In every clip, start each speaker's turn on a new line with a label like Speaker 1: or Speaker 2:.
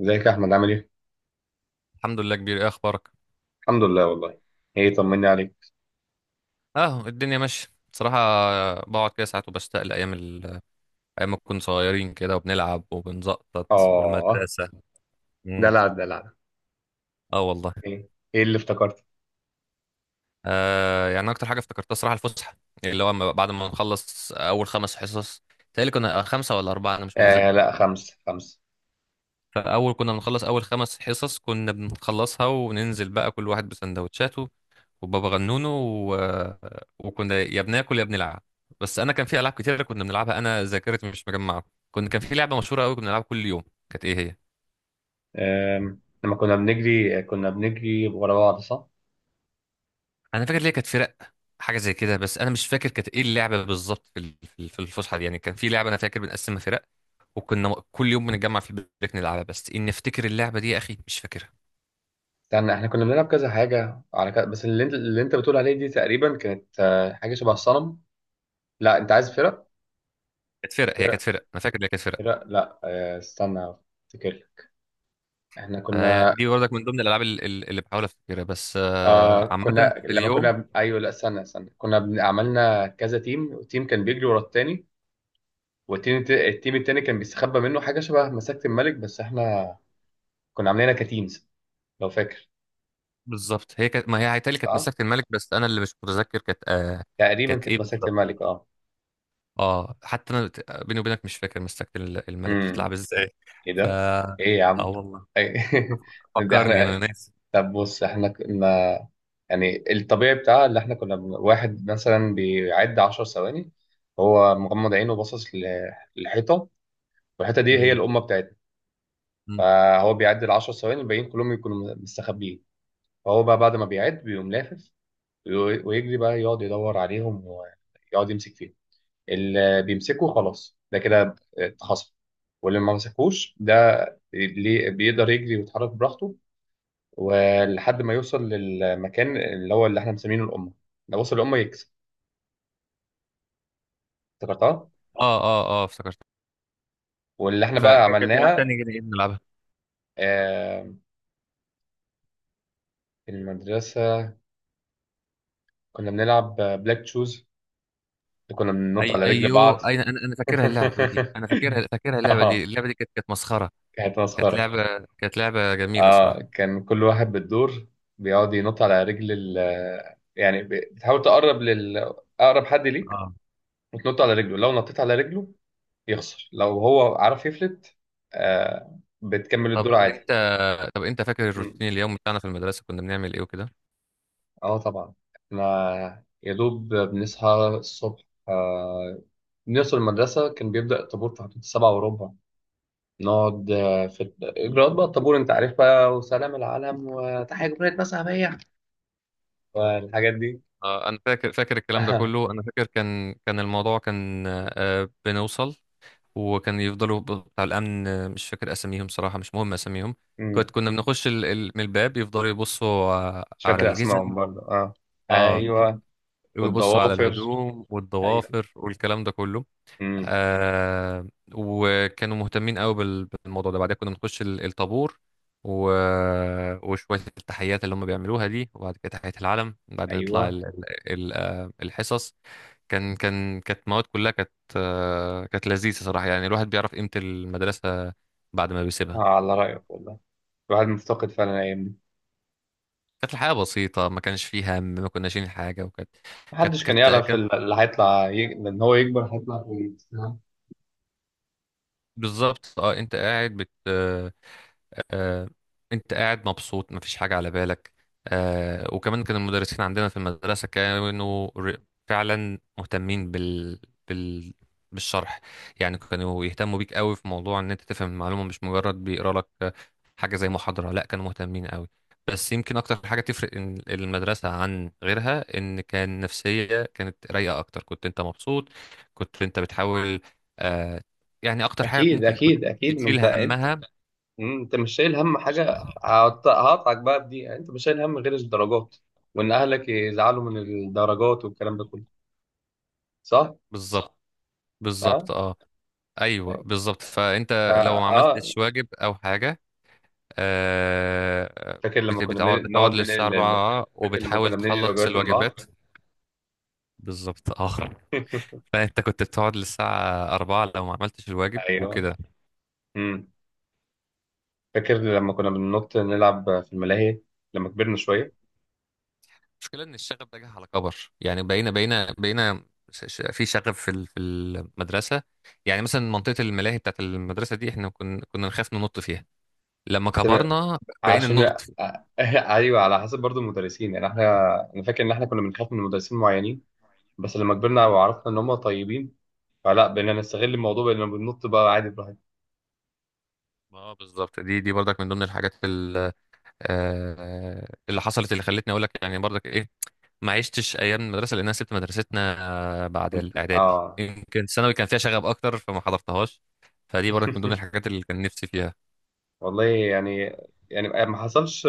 Speaker 1: ازيك يا احمد؟ عامل ايه؟
Speaker 2: الحمد لله، كبير. ايه اخبارك؟
Speaker 1: الحمد لله والله. ايه، طمني عليك.
Speaker 2: اه، الدنيا ماشيه. بصراحه. بقعد كده ساعات وبشتاق لايام ايام ما كنا صغيرين كده، وبنلعب وبنزقطط
Speaker 1: اه
Speaker 2: والمدرسه. مم.
Speaker 1: دلع دلع.
Speaker 2: اه والله.
Speaker 1: ايه ايه اللي افتكرته؟
Speaker 2: آه، يعني اكتر حاجه افتكرتها صراحه الفسحه، اللي هو بعد ما نخلص اول خمس حصص. تهيألي كنا خمسه ولا اربعه، انا مش
Speaker 1: آه
Speaker 2: متذكر.
Speaker 1: لا، خمسة خمسة.
Speaker 2: فاول كنا بنخلص اول خمس حصص، كنا بنخلصها وننزل بقى كل واحد بسندوتشاته، وبابا غنونو و... وكنا يا بناكل يا بنلعب. بس انا كان في العاب كتيره كنا بنلعبها، انا ذاكرتي مش مجمعه. كان في لعبه مشهوره قوي كنا بنلعبها كل يوم. كانت ايه هي؟
Speaker 1: لما كنا بنجري، كنا بنجري ورا بعض، صح؟
Speaker 2: انا فاكر ليه كانت فرق، حاجه زي كده، بس انا مش فاكر كانت ايه اللعبه بالظبط في الفسحه دي. يعني كان في لعبه انا فاكر بنقسمها فرق، وكنا كل يوم بنتجمع في البريك نلعبها. بس اني افتكر اللعبه دي يا اخي مش فاكرها.
Speaker 1: استنى، احنا كنا بنلعب كذا حاجة على كذا، بس اللي انت بتقول عليه دي تقريبا كانت حاجة شبه الصنم. لا، انت عايز فرق؟
Speaker 2: كانت فرق، هي
Speaker 1: فرق.
Speaker 2: كانت فرق، انا فاكر ان هي كانت فرق.
Speaker 1: فرق لا، استنى. افتكر. احنا كنا
Speaker 2: فدي برضك من ضمن الالعاب اللي بحاول افتكرها، بس عامه
Speaker 1: كنا،
Speaker 2: في
Speaker 1: لما
Speaker 2: اليوم.
Speaker 1: كنا، ايوه، لا استنى استنى، كنا عملنا كذا تيم تيم كان بيجري ورا التاني. والتيم التيم التاني كان بيستخبى منه، حاجة شبه مساكة الملك، بس احنا كنا عاملينها كتيمز لو فاكر.
Speaker 2: بالظبط هي كانت، ما هي هيتهيألي كانت
Speaker 1: صح؟
Speaker 2: مساكة الملك، بس انا اللي مش متذكر كانت
Speaker 1: تقريبا
Speaker 2: كانت ايه
Speaker 1: كانت مساكة
Speaker 2: بالظبط؟
Speaker 1: الملك، اه.
Speaker 2: اه، حتى انا، بيني وبينك مش فاكر مساكة الملك
Speaker 1: امم.
Speaker 2: بتتلعب ازاي.
Speaker 1: ايه
Speaker 2: ف
Speaker 1: ده؟
Speaker 2: اه
Speaker 1: ايه يا عم؟
Speaker 2: والله،
Speaker 1: إيه؟ ده
Speaker 2: فكرني، انا
Speaker 1: احنا.
Speaker 2: ناسي.
Speaker 1: طب بص، احنا كنا يعني الطبيعي بتاع اللي احنا كنا واحد مثلا بيعد 10 ثواني، هو مغمض عينه وباصص للحيطة. والحيطة دي هي
Speaker 2: مم.
Speaker 1: الأمة بتاعتنا.
Speaker 2: مم.
Speaker 1: فهو بيعد ال 10 ثواني، الباقيين كلهم يكونوا مستخبيين. فهو بقى بعد ما بيعد بيقوم لافف، ويجري بقى يقعد يدور عليهم ويقعد يمسك فيهم. اللي بيمسكه خلاص ده كده اتخصم، واللي ما مسكوش ده بيقدر يجري ويتحرك براحته ولحد ما يوصل للمكان اللي هو اللي احنا مسمينه الأمة. لو وصل الأمة يكسب. افتكرتها.
Speaker 2: اه، اه، اه، افتكرت.
Speaker 1: واللي احنا بقى
Speaker 2: فكانت لعبة
Speaker 1: عملناها،
Speaker 2: تانية كده، ايه بنلعبها؟
Speaker 1: آه، في المدرسة كنا بنلعب بلاك تشوز، كنا بننط
Speaker 2: اي،
Speaker 1: على رجل
Speaker 2: ايوه،
Speaker 1: بعض.
Speaker 2: اي، انا فاكرها اللعبة دي، انا فاكرها، اللعبة دي
Speaker 1: اه،
Speaker 2: اللعبة دي كانت مسخرة.
Speaker 1: كانت
Speaker 2: كانت
Speaker 1: مسخرة.
Speaker 2: لعبة كانت لعبة جميلة
Speaker 1: اه
Speaker 2: صراحة.
Speaker 1: كان كل واحد بالدور بيقعد ينط على رجل ال، يعني بتحاول تقرب لل، اقرب حد ليك
Speaker 2: اه.
Speaker 1: وتنط على رجله. لو نطيت على رجله يخسر، لو هو عرف يفلت بتكمل
Speaker 2: طب
Speaker 1: الدور عادي.
Speaker 2: انت طب انت فاكر
Speaker 1: مم.
Speaker 2: الروتين اليوم بتاعنا في المدرسة، كنا بنعمل ايه؟
Speaker 1: اه طبعا، احنا يا دوب بنصحى الصبح، آه بنوصل المدرسة كان بيبدأ الطابور في حدود السبعة وربع. نقعد في الإجراءات بقى، الطابور أنت عارف بقى، وسلام العالم وتحية جمهورية مصر العربية
Speaker 2: وكده.
Speaker 1: والحاجات دي.
Speaker 2: انا فاكر الكلام ده كله، انا فاكر كان الموضوع كان، بنوصل. وكان يفضلوا بتاع الامن، مش فاكر اساميهم صراحه، مش مهم اساميهم.
Speaker 1: مم.
Speaker 2: كنا بنخش من الباب، يفضلوا يبصوا ع-
Speaker 1: مش
Speaker 2: على
Speaker 1: فاكر
Speaker 2: الجزم.
Speaker 1: اسمائهم برضه، اه.
Speaker 2: اه.
Speaker 1: ايوه،
Speaker 2: ويبصوا على
Speaker 1: والضوافر.
Speaker 2: الهدوم
Speaker 1: ايوه.
Speaker 2: والضوافر والكلام ده كله.
Speaker 1: امم.
Speaker 2: آه وكانوا مهتمين قوي بالموضوع ده. بعدين كنا بنخش الطابور. و... وشوية التحيات اللي هم بيعملوها دي، وبعد كده تحية العلم، بعدين نطلع
Speaker 1: ايوه.
Speaker 2: الحصص. كانت مواد كلها كانت لذيذة صراحة، يعني الواحد بيعرف قيمة المدرسة بعد ما
Speaker 1: آه،
Speaker 2: بيسيبها.
Speaker 1: على رايك والله، الواحد مفتقد فعلا الايام دي.
Speaker 2: كانت الحياة بسيطة، ما كانش فيها هم، ما كناش شايلين حاجة. وكانت كانت
Speaker 1: محدش كان
Speaker 2: كانت
Speaker 1: يعرف
Speaker 2: كان
Speaker 1: اللي هيطلع ان هو يكبر هيطلع كويس، فاهم؟
Speaker 2: بالظبط، اه، آه، انت قاعد مبسوط، مفيش حاجة على بالك. وكمان كان المدرسين عندنا في المدرسة كانوا فعلا مهتمين بال... بالشرح. يعني كانوا يهتموا بيك قوي في موضوع ان انت تفهم المعلومة، مش مجرد بيقرا لك حاجة زي محاضرة. لا، كانوا مهتمين قوي. بس يمكن اكتر حاجة تفرق إن المدرسة عن غيرها ان كان نفسية كانت رايقة اكتر، كنت انت مبسوط. كنت انت بتحاول آه، يعني اكتر حاجة
Speaker 1: اكيد
Speaker 2: ممكن كنت
Speaker 1: اكيد اكيد، ما
Speaker 2: تشيل
Speaker 1: انت، انت
Speaker 2: همها.
Speaker 1: انت مش شايل هم حاجه، هقطعك بقى، بدي انت مش شايل هم غير الدرجات، وان اهلك يزعلوا من الدرجات والكلام ده كله، صح؟
Speaker 2: بالظبط،
Speaker 1: اه
Speaker 2: بالظبط، اه. ايوه، بالظبط،
Speaker 1: اه،
Speaker 2: فانت لو ما
Speaker 1: آه.
Speaker 2: عملتش واجب او حاجه، آه
Speaker 1: فاكر لما كنا
Speaker 2: بتقعد
Speaker 1: بنقعد
Speaker 2: للساعه
Speaker 1: ننقل؟
Speaker 2: 4
Speaker 1: فاكر لما
Speaker 2: وبتحاول
Speaker 1: كنا بننقل
Speaker 2: تخلص
Speaker 1: الوجبات من بعض؟
Speaker 2: الواجبات. بالظبط، اه. فانت كنت بتقعد للساعه 4 لو ما عملتش الواجب
Speaker 1: ايوه.
Speaker 2: وكده.
Speaker 1: امم. فاكر لما كنا بننط نلعب في الملاهي لما كبرنا شويه؟
Speaker 2: المشكله ان الشغف ده جه على كبر، يعني بقينا في شغف في المدرسه. يعني مثلا منطقه الملاهي بتاعت المدرسه دي، احنا كنا نخاف ننط فيها، لما
Speaker 1: كنا-
Speaker 2: كبرنا بقينا
Speaker 1: عشان
Speaker 2: ننط
Speaker 1: ايوه، على حسب برضو المدرسين، يعني احنا، انا فاكر ان احنا كنا بنخاف من مدرسين معينين.
Speaker 2: فيها.
Speaker 1: بس لما كبرنا وعرفنا ان هم طيبين فلا، بقينا نستغل الموضوع، بقينا بننط بقى عادي براحتنا.
Speaker 2: اه بالظبط، دي برضك من ضمن الحاجات اللي حصلت اللي خلتني اقول لك، يعني برضك ايه ما عشتش ايام المدرسه لان انا سبت مدرستنا بعد الاعدادي.
Speaker 1: اه.
Speaker 2: يمكن الثانوي كان فيها شغب اكتر فما حضرتهاش. فدي برضك من ضمن الحاجات اللي كان نفسي فيها.
Speaker 1: والله يعني، يعني ما حصلش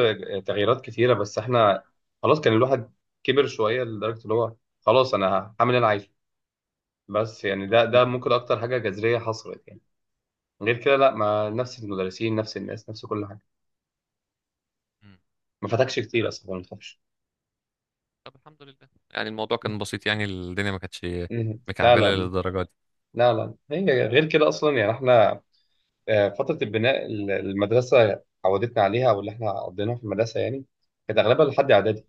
Speaker 1: تغييرات كتيره، بس احنا خلاص كان الواحد كبر شويه، لدرجه اللي هو خلاص انا هعمل اللي انا عايزه. بس يعني ده
Speaker 2: مم.
Speaker 1: ممكن اكتر حاجه جذريه حصلت يعني. غير كده لا، ما
Speaker 2: مم.
Speaker 1: نفس المدرسين نفس الناس نفس كل حاجه.
Speaker 2: مم.
Speaker 1: ما فاتكش كتير اصلا، ما تخافش.
Speaker 2: طب الحمد لله، يعني الموضوع كان بسيط، يعني الدنيا ما كانتش
Speaker 1: مم. لا
Speaker 2: مكعبله
Speaker 1: لا.
Speaker 2: للدرجه دي.
Speaker 1: لا لا، هي غير كده اصلا يعني، احنا فتره البناء المدرسه عودتنا عليها، واللي احنا قضيناها في المدرسه يعني كانت اغلبها لحد
Speaker 2: مم.
Speaker 1: اعدادي.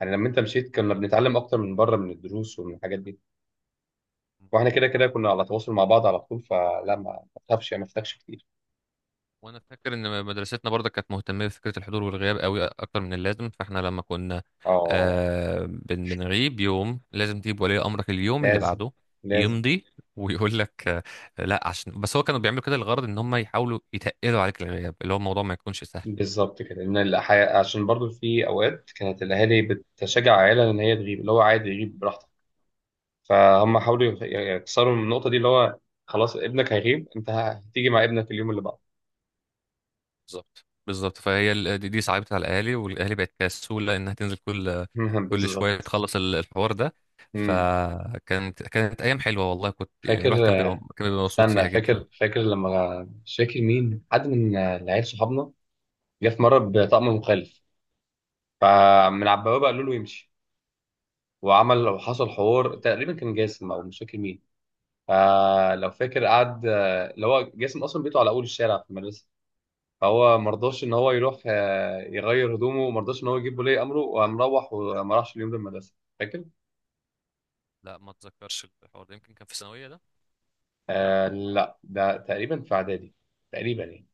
Speaker 1: يعني لما انت مشيت، كنا
Speaker 2: بالظبط.
Speaker 1: بنتعلم اكتر من بره، من الدروس ومن الحاجات دي. واحنا كده كده كنا على تواصل مع بعض على طول، فلا ما تخافش يعني، ما فاتكش كتير.
Speaker 2: وانا فاكر ان مدرستنا برضه كانت مهتمه بفكره الحضور والغياب قوي اكتر من اللازم، فاحنا لما كنا
Speaker 1: اه.
Speaker 2: آه بن بنغيب يوم لازم تجيب ولي امرك اليوم اللي
Speaker 1: لازم
Speaker 2: بعده
Speaker 1: لازم.
Speaker 2: يمضي ويقول لك لا، عشان بس هو كانوا بيعملوا كده، الغرض ان هم يحاولوا يتقلوا عليك الغياب، اللي هو الموضوع ما يكونش سهل.
Speaker 1: بالظبط كده، لان الحياة عشان برضو في اوقات كانت الاهالي بتشجع عيالها ان هي تغيب، اللي هو عادي يغيب براحتك. فهم حاولوا يكسروا من النقطه دي، اللي هو خلاص ابنك هيغيب انت هتيجي مع ابنك اليوم اللي بعده.
Speaker 2: بالظبط، بالظبط، فهي دي صعبت على الاهالي، والاهالي بقت كسوله انها تنزل كل كل شويه
Speaker 1: بالظبط.
Speaker 2: تخلص الحوار ده.
Speaker 1: مم.
Speaker 2: فكانت ايام حلوه والله. كنت يعني
Speaker 1: فاكر.
Speaker 2: الواحد كان بيبقى مبسوط
Speaker 1: استنى،
Speaker 2: فيها جدا.
Speaker 1: فاكر لما، مش فاكر، مين حد من العيال صحابنا جه في مره بطقم مخالف، فمن على البوابه قالوا له يمشي. وعمل وحصل حوار، تقريبا كان جاسم او مش فاكر مين، فلو فاكر قعد، اللي هو جاسم اصلا بيته على اول الشارع في المدرسه، فهو ما رضاش ان هو يروح يغير هدومه، وما رضاش ان هو يجيب ولي امره، وقام روح وما راحش اليوم ده المدرسه. فاكر؟
Speaker 2: لا، ما اتذكرش الحوار ده، يمكن كان في ثانويه ده.
Speaker 1: آه لا، ده تقريبا في اعدادي تقريبا، يعني.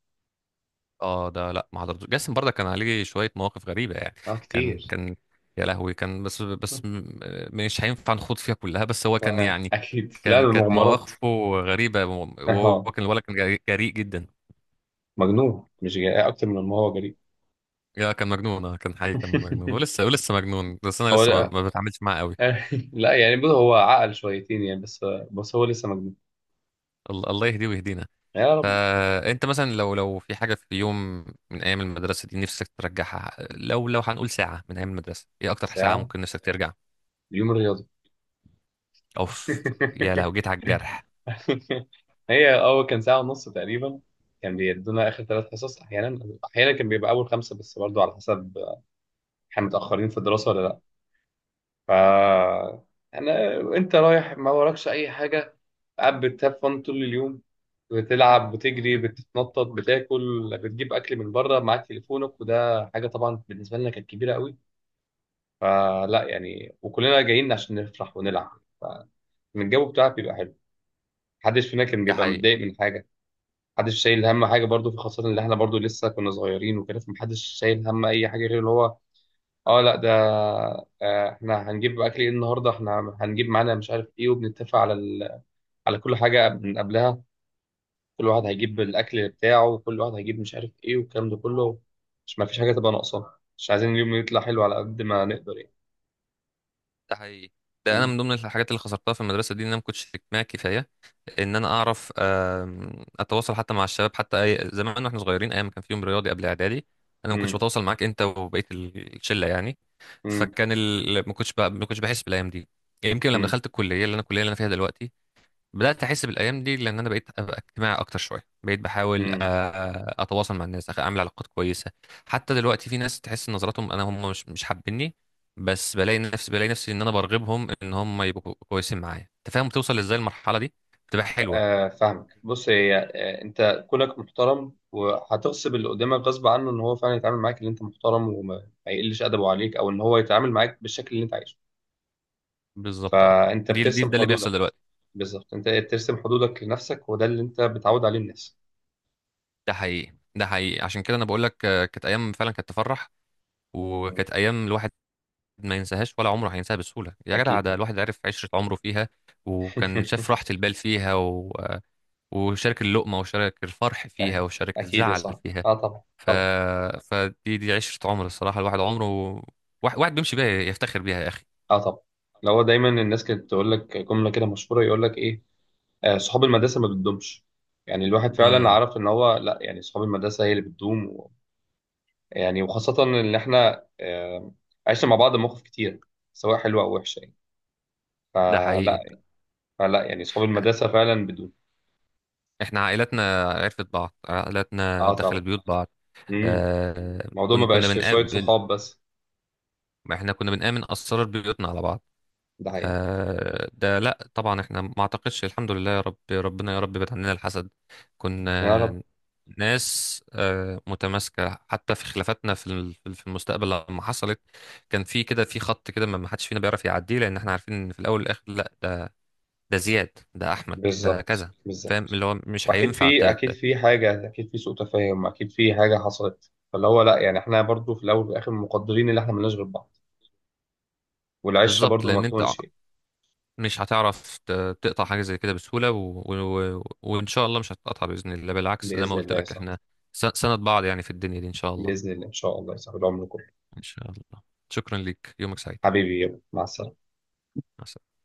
Speaker 2: اه ده لا، ما حضرتوش. جاسم برضه كان عليه شويه مواقف غريبه يعني.
Speaker 1: اه
Speaker 2: كان
Speaker 1: كتير.
Speaker 2: كان يا لهوي، كان مش هينفع نخوض فيها كلها. بس هو كان
Speaker 1: آه
Speaker 2: يعني
Speaker 1: اكيد، لا
Speaker 2: كان
Speaker 1: ده
Speaker 2: كانت
Speaker 1: مغامرات.
Speaker 2: مواقفه غريبه، وهو
Speaker 1: اه
Speaker 2: كان الولد كان جريء جريء جدا.
Speaker 1: مجنون، مش جاي اكتر من ما هو جريء.
Speaker 2: يا كان مجنون، اه، كان حقيقي كان مجنون ولسه مجنون. بس انا
Speaker 1: هو
Speaker 2: لسه ما
Speaker 1: لا
Speaker 2: ما بتعاملش معاه قوي.
Speaker 1: آه، لا يعني بص، هو عقل شويتين يعني، بس هو لسه مجنون.
Speaker 2: الله الله يهديه ويهدينا.
Speaker 1: يا رب.
Speaker 2: فانت مثلا لو في حاجه في يوم من ايام المدرسه دي نفسك ترجعها، لو هنقول ساعه من ايام المدرسه، ايه اكتر ساعه
Speaker 1: ساعه.
Speaker 2: ممكن نفسك ترجع؟
Speaker 1: اليوم الرياضي.
Speaker 2: اوف، يا لو جيت على الجرح.
Speaker 1: هي اه كان ساعة ونص تقريبا. كان بيدونا آخر ثلاث حصص أحيانا، أحيانا كان بيبقى أول خمسة، بس برضو على حسب احنا متأخرين في الدراسة ولا لأ. ف أنا، أنت رايح ما وراكش أي حاجة، قاعد بتهفن طول اليوم، بتلعب بتجري بتتنطط بتاكل بتجيب أكل من بره، معاك تليفونك وده حاجة طبعا بالنسبة لنا كانت كبيرة قوي. فلا يعني، وكلنا جايين عشان نفرح ونلعب، فالجو بتاعك بيبقى حلو، محدش فينا كان
Speaker 2: ده
Speaker 1: بيبقى
Speaker 2: حقيقي،
Speaker 1: متضايق من حاجة. محدش شايل هم حاجه برضو، في خاصه ان احنا برضو لسه كنا صغيرين وكده، فمحدش شايل هم اي حاجه غير اللي هو اه لا ده احنا هنجيب اكل ايه النهارده، احنا هنجيب معانا مش عارف ايه، وبنتفق على على كل حاجه من قبلها. كل واحد هيجيب الاكل بتاعه، وكل واحد هيجيب مش عارف ايه والكلام ده كله، مش ما فيش حاجه تبقى ناقصه، مش عايزين اليوم يطلع حلو على قد ما نقدر يعني.
Speaker 2: ده حقيقي. ده انا
Speaker 1: م-
Speaker 2: من ضمن الحاجات اللي خسرتها في المدرسه دي ان انا ما كنتش اجتماعي كفايه، ان انا اعرف اتواصل حتى مع الشباب، حتى زمان واحنا صغيرين ايام ما كان فيهم رياضي قبل اعدادي. انا ما كنتش
Speaker 1: م-
Speaker 2: بتواصل معاك انت وبقيه الشله يعني.
Speaker 1: م-
Speaker 2: ما كنتش بحس بالايام دي. يمكن لما
Speaker 1: م-
Speaker 2: دخلت الكليه اللي انا فيها دلوقتي بدات احس بالايام دي، لان انا بقيت ابقى اجتماعي اكتر شويه، بقيت بحاول
Speaker 1: م.
Speaker 2: اتواصل مع الناس، اعمل علاقات كويسه. حتى دلوقتي في ناس تحس ان نظراتهم انا هم مش حابيني، بس بلاقي نفسي ان انا برغبهم ان هم يبقوا كويسين معايا. انت فاهم بتوصل ازاي؟ المرحله دي بتبقى حلوه.
Speaker 1: فاهمك. بص، هي انت كونك محترم وهتغصب اللي قدامك غصب عنه ان هو فعلا يتعامل معاك ان انت محترم، وما ما يقلش ادبه عليك او ان هو يتعامل معاك بالشكل اللي انت عايزه،
Speaker 2: بالظبط اه،
Speaker 1: فانت
Speaker 2: دي دي
Speaker 1: بترسم
Speaker 2: ده اللي بيحصل
Speaker 1: حدودك.
Speaker 2: دلوقتي.
Speaker 1: بالظبط، انت بترسم حدودك لنفسك وده اللي انت بتعود عليه الناس.
Speaker 2: ده حقيقي، ده حقيقي. عشان كده انا بقول لك، كانت ايام فعلا كانت تفرح،
Speaker 1: مم.
Speaker 2: وكانت ايام الواحد ما ينساهاش ولا عمره هينساها بسهوله، يا جدع
Speaker 1: اكيد
Speaker 2: ده
Speaker 1: طبعا.
Speaker 2: الواحد عرف عشره عمره فيها، وكان شاف راحه البال فيها و... آه، وشارك اللقمه وشارك الفرح فيها
Speaker 1: فاهم.
Speaker 2: وشارك
Speaker 1: اكيد يا
Speaker 2: الزعل
Speaker 1: صاحبي،
Speaker 2: فيها.
Speaker 1: اه طبعا
Speaker 2: ف...
Speaker 1: طبعا.
Speaker 2: فدي دي عشره عمر الصراحه، الواحد عمره واحد, واحد بيمشي بيها يفتخر بيها يا اخي.
Speaker 1: اه طبعا. لو هو دايما الناس كانت تقول لك جمله كده مشهوره، يقول لك ايه، آه صحاب المدرسه ما بتدومش. يعني الواحد فعلا
Speaker 2: امم.
Speaker 1: عرف ان هو لا، يعني صحاب المدرسه هي اللي بتدوم. يعني وخاصة إن إحنا عشنا مع بعض مواقف كتير، سواء حلوة أو وحشة يعني.
Speaker 2: ده حقيقي.
Speaker 1: فلا. فلا يعني صحاب المدرسة فعلا بدون.
Speaker 2: احنا عائلاتنا عرفت بعض، عائلاتنا
Speaker 1: أه
Speaker 2: دخلت
Speaker 1: طبعا.
Speaker 2: بيوت بعض.
Speaker 1: امم.
Speaker 2: آه
Speaker 1: الموضوع ما
Speaker 2: كن كنا
Speaker 1: بقاش شوية
Speaker 2: بنقابل.
Speaker 1: صحاب بس.
Speaker 2: ما احنا كنا بنآمن أسرار بيوتنا على بعض.
Speaker 1: ده حقيقي.
Speaker 2: آه ده لا طبعا، احنا ما اعتقدش الحمد لله، يا رب ربنا يا رب بعد عننا الحسد.
Speaker 1: يا رب.
Speaker 2: كنا ناس متماسكة حتى في خلافاتنا في المستقبل لما حصلت. كان في كده في خط كده ما حدش فينا بيعرف يعديه، لأن احنا عارفين ان في الأول والآخر لا، ده زياد، ده أحمد، ده
Speaker 1: بالظبط
Speaker 2: كذا. فاهم
Speaker 1: بالظبط.
Speaker 2: اللي هو مش
Speaker 1: وأكيد
Speaker 2: هينفع
Speaker 1: في، أكيد في حاجة، أكيد في سوء تفاهم، أكيد في حاجة حصلت فاللي هو لا، يعني إحنا برضو في الأول وفي الآخر مقدرين إن إحنا ملناش غير بعض. والعشرة
Speaker 2: بالظبط،
Speaker 1: برضو ما
Speaker 2: لأن انت
Speaker 1: تكونش.
Speaker 2: مش هتعرف تقطع حاجة زي كده بسهولة، وإن شاء الله مش هتقطع بإذن الله، بالعكس زي ما
Speaker 1: بإذن
Speaker 2: قلت
Speaker 1: الله يا
Speaker 2: لك
Speaker 1: صاحبي.
Speaker 2: إحنا سند بعض يعني في الدنيا دي إن شاء الله.
Speaker 1: بإذن الله إن شاء الله يا صاحبي العمر كله.
Speaker 2: إن شاء الله. شكرا ليك، يومك سعيد.
Speaker 1: حبيبي يلا مع السلامة.
Speaker 2: مع السلامة.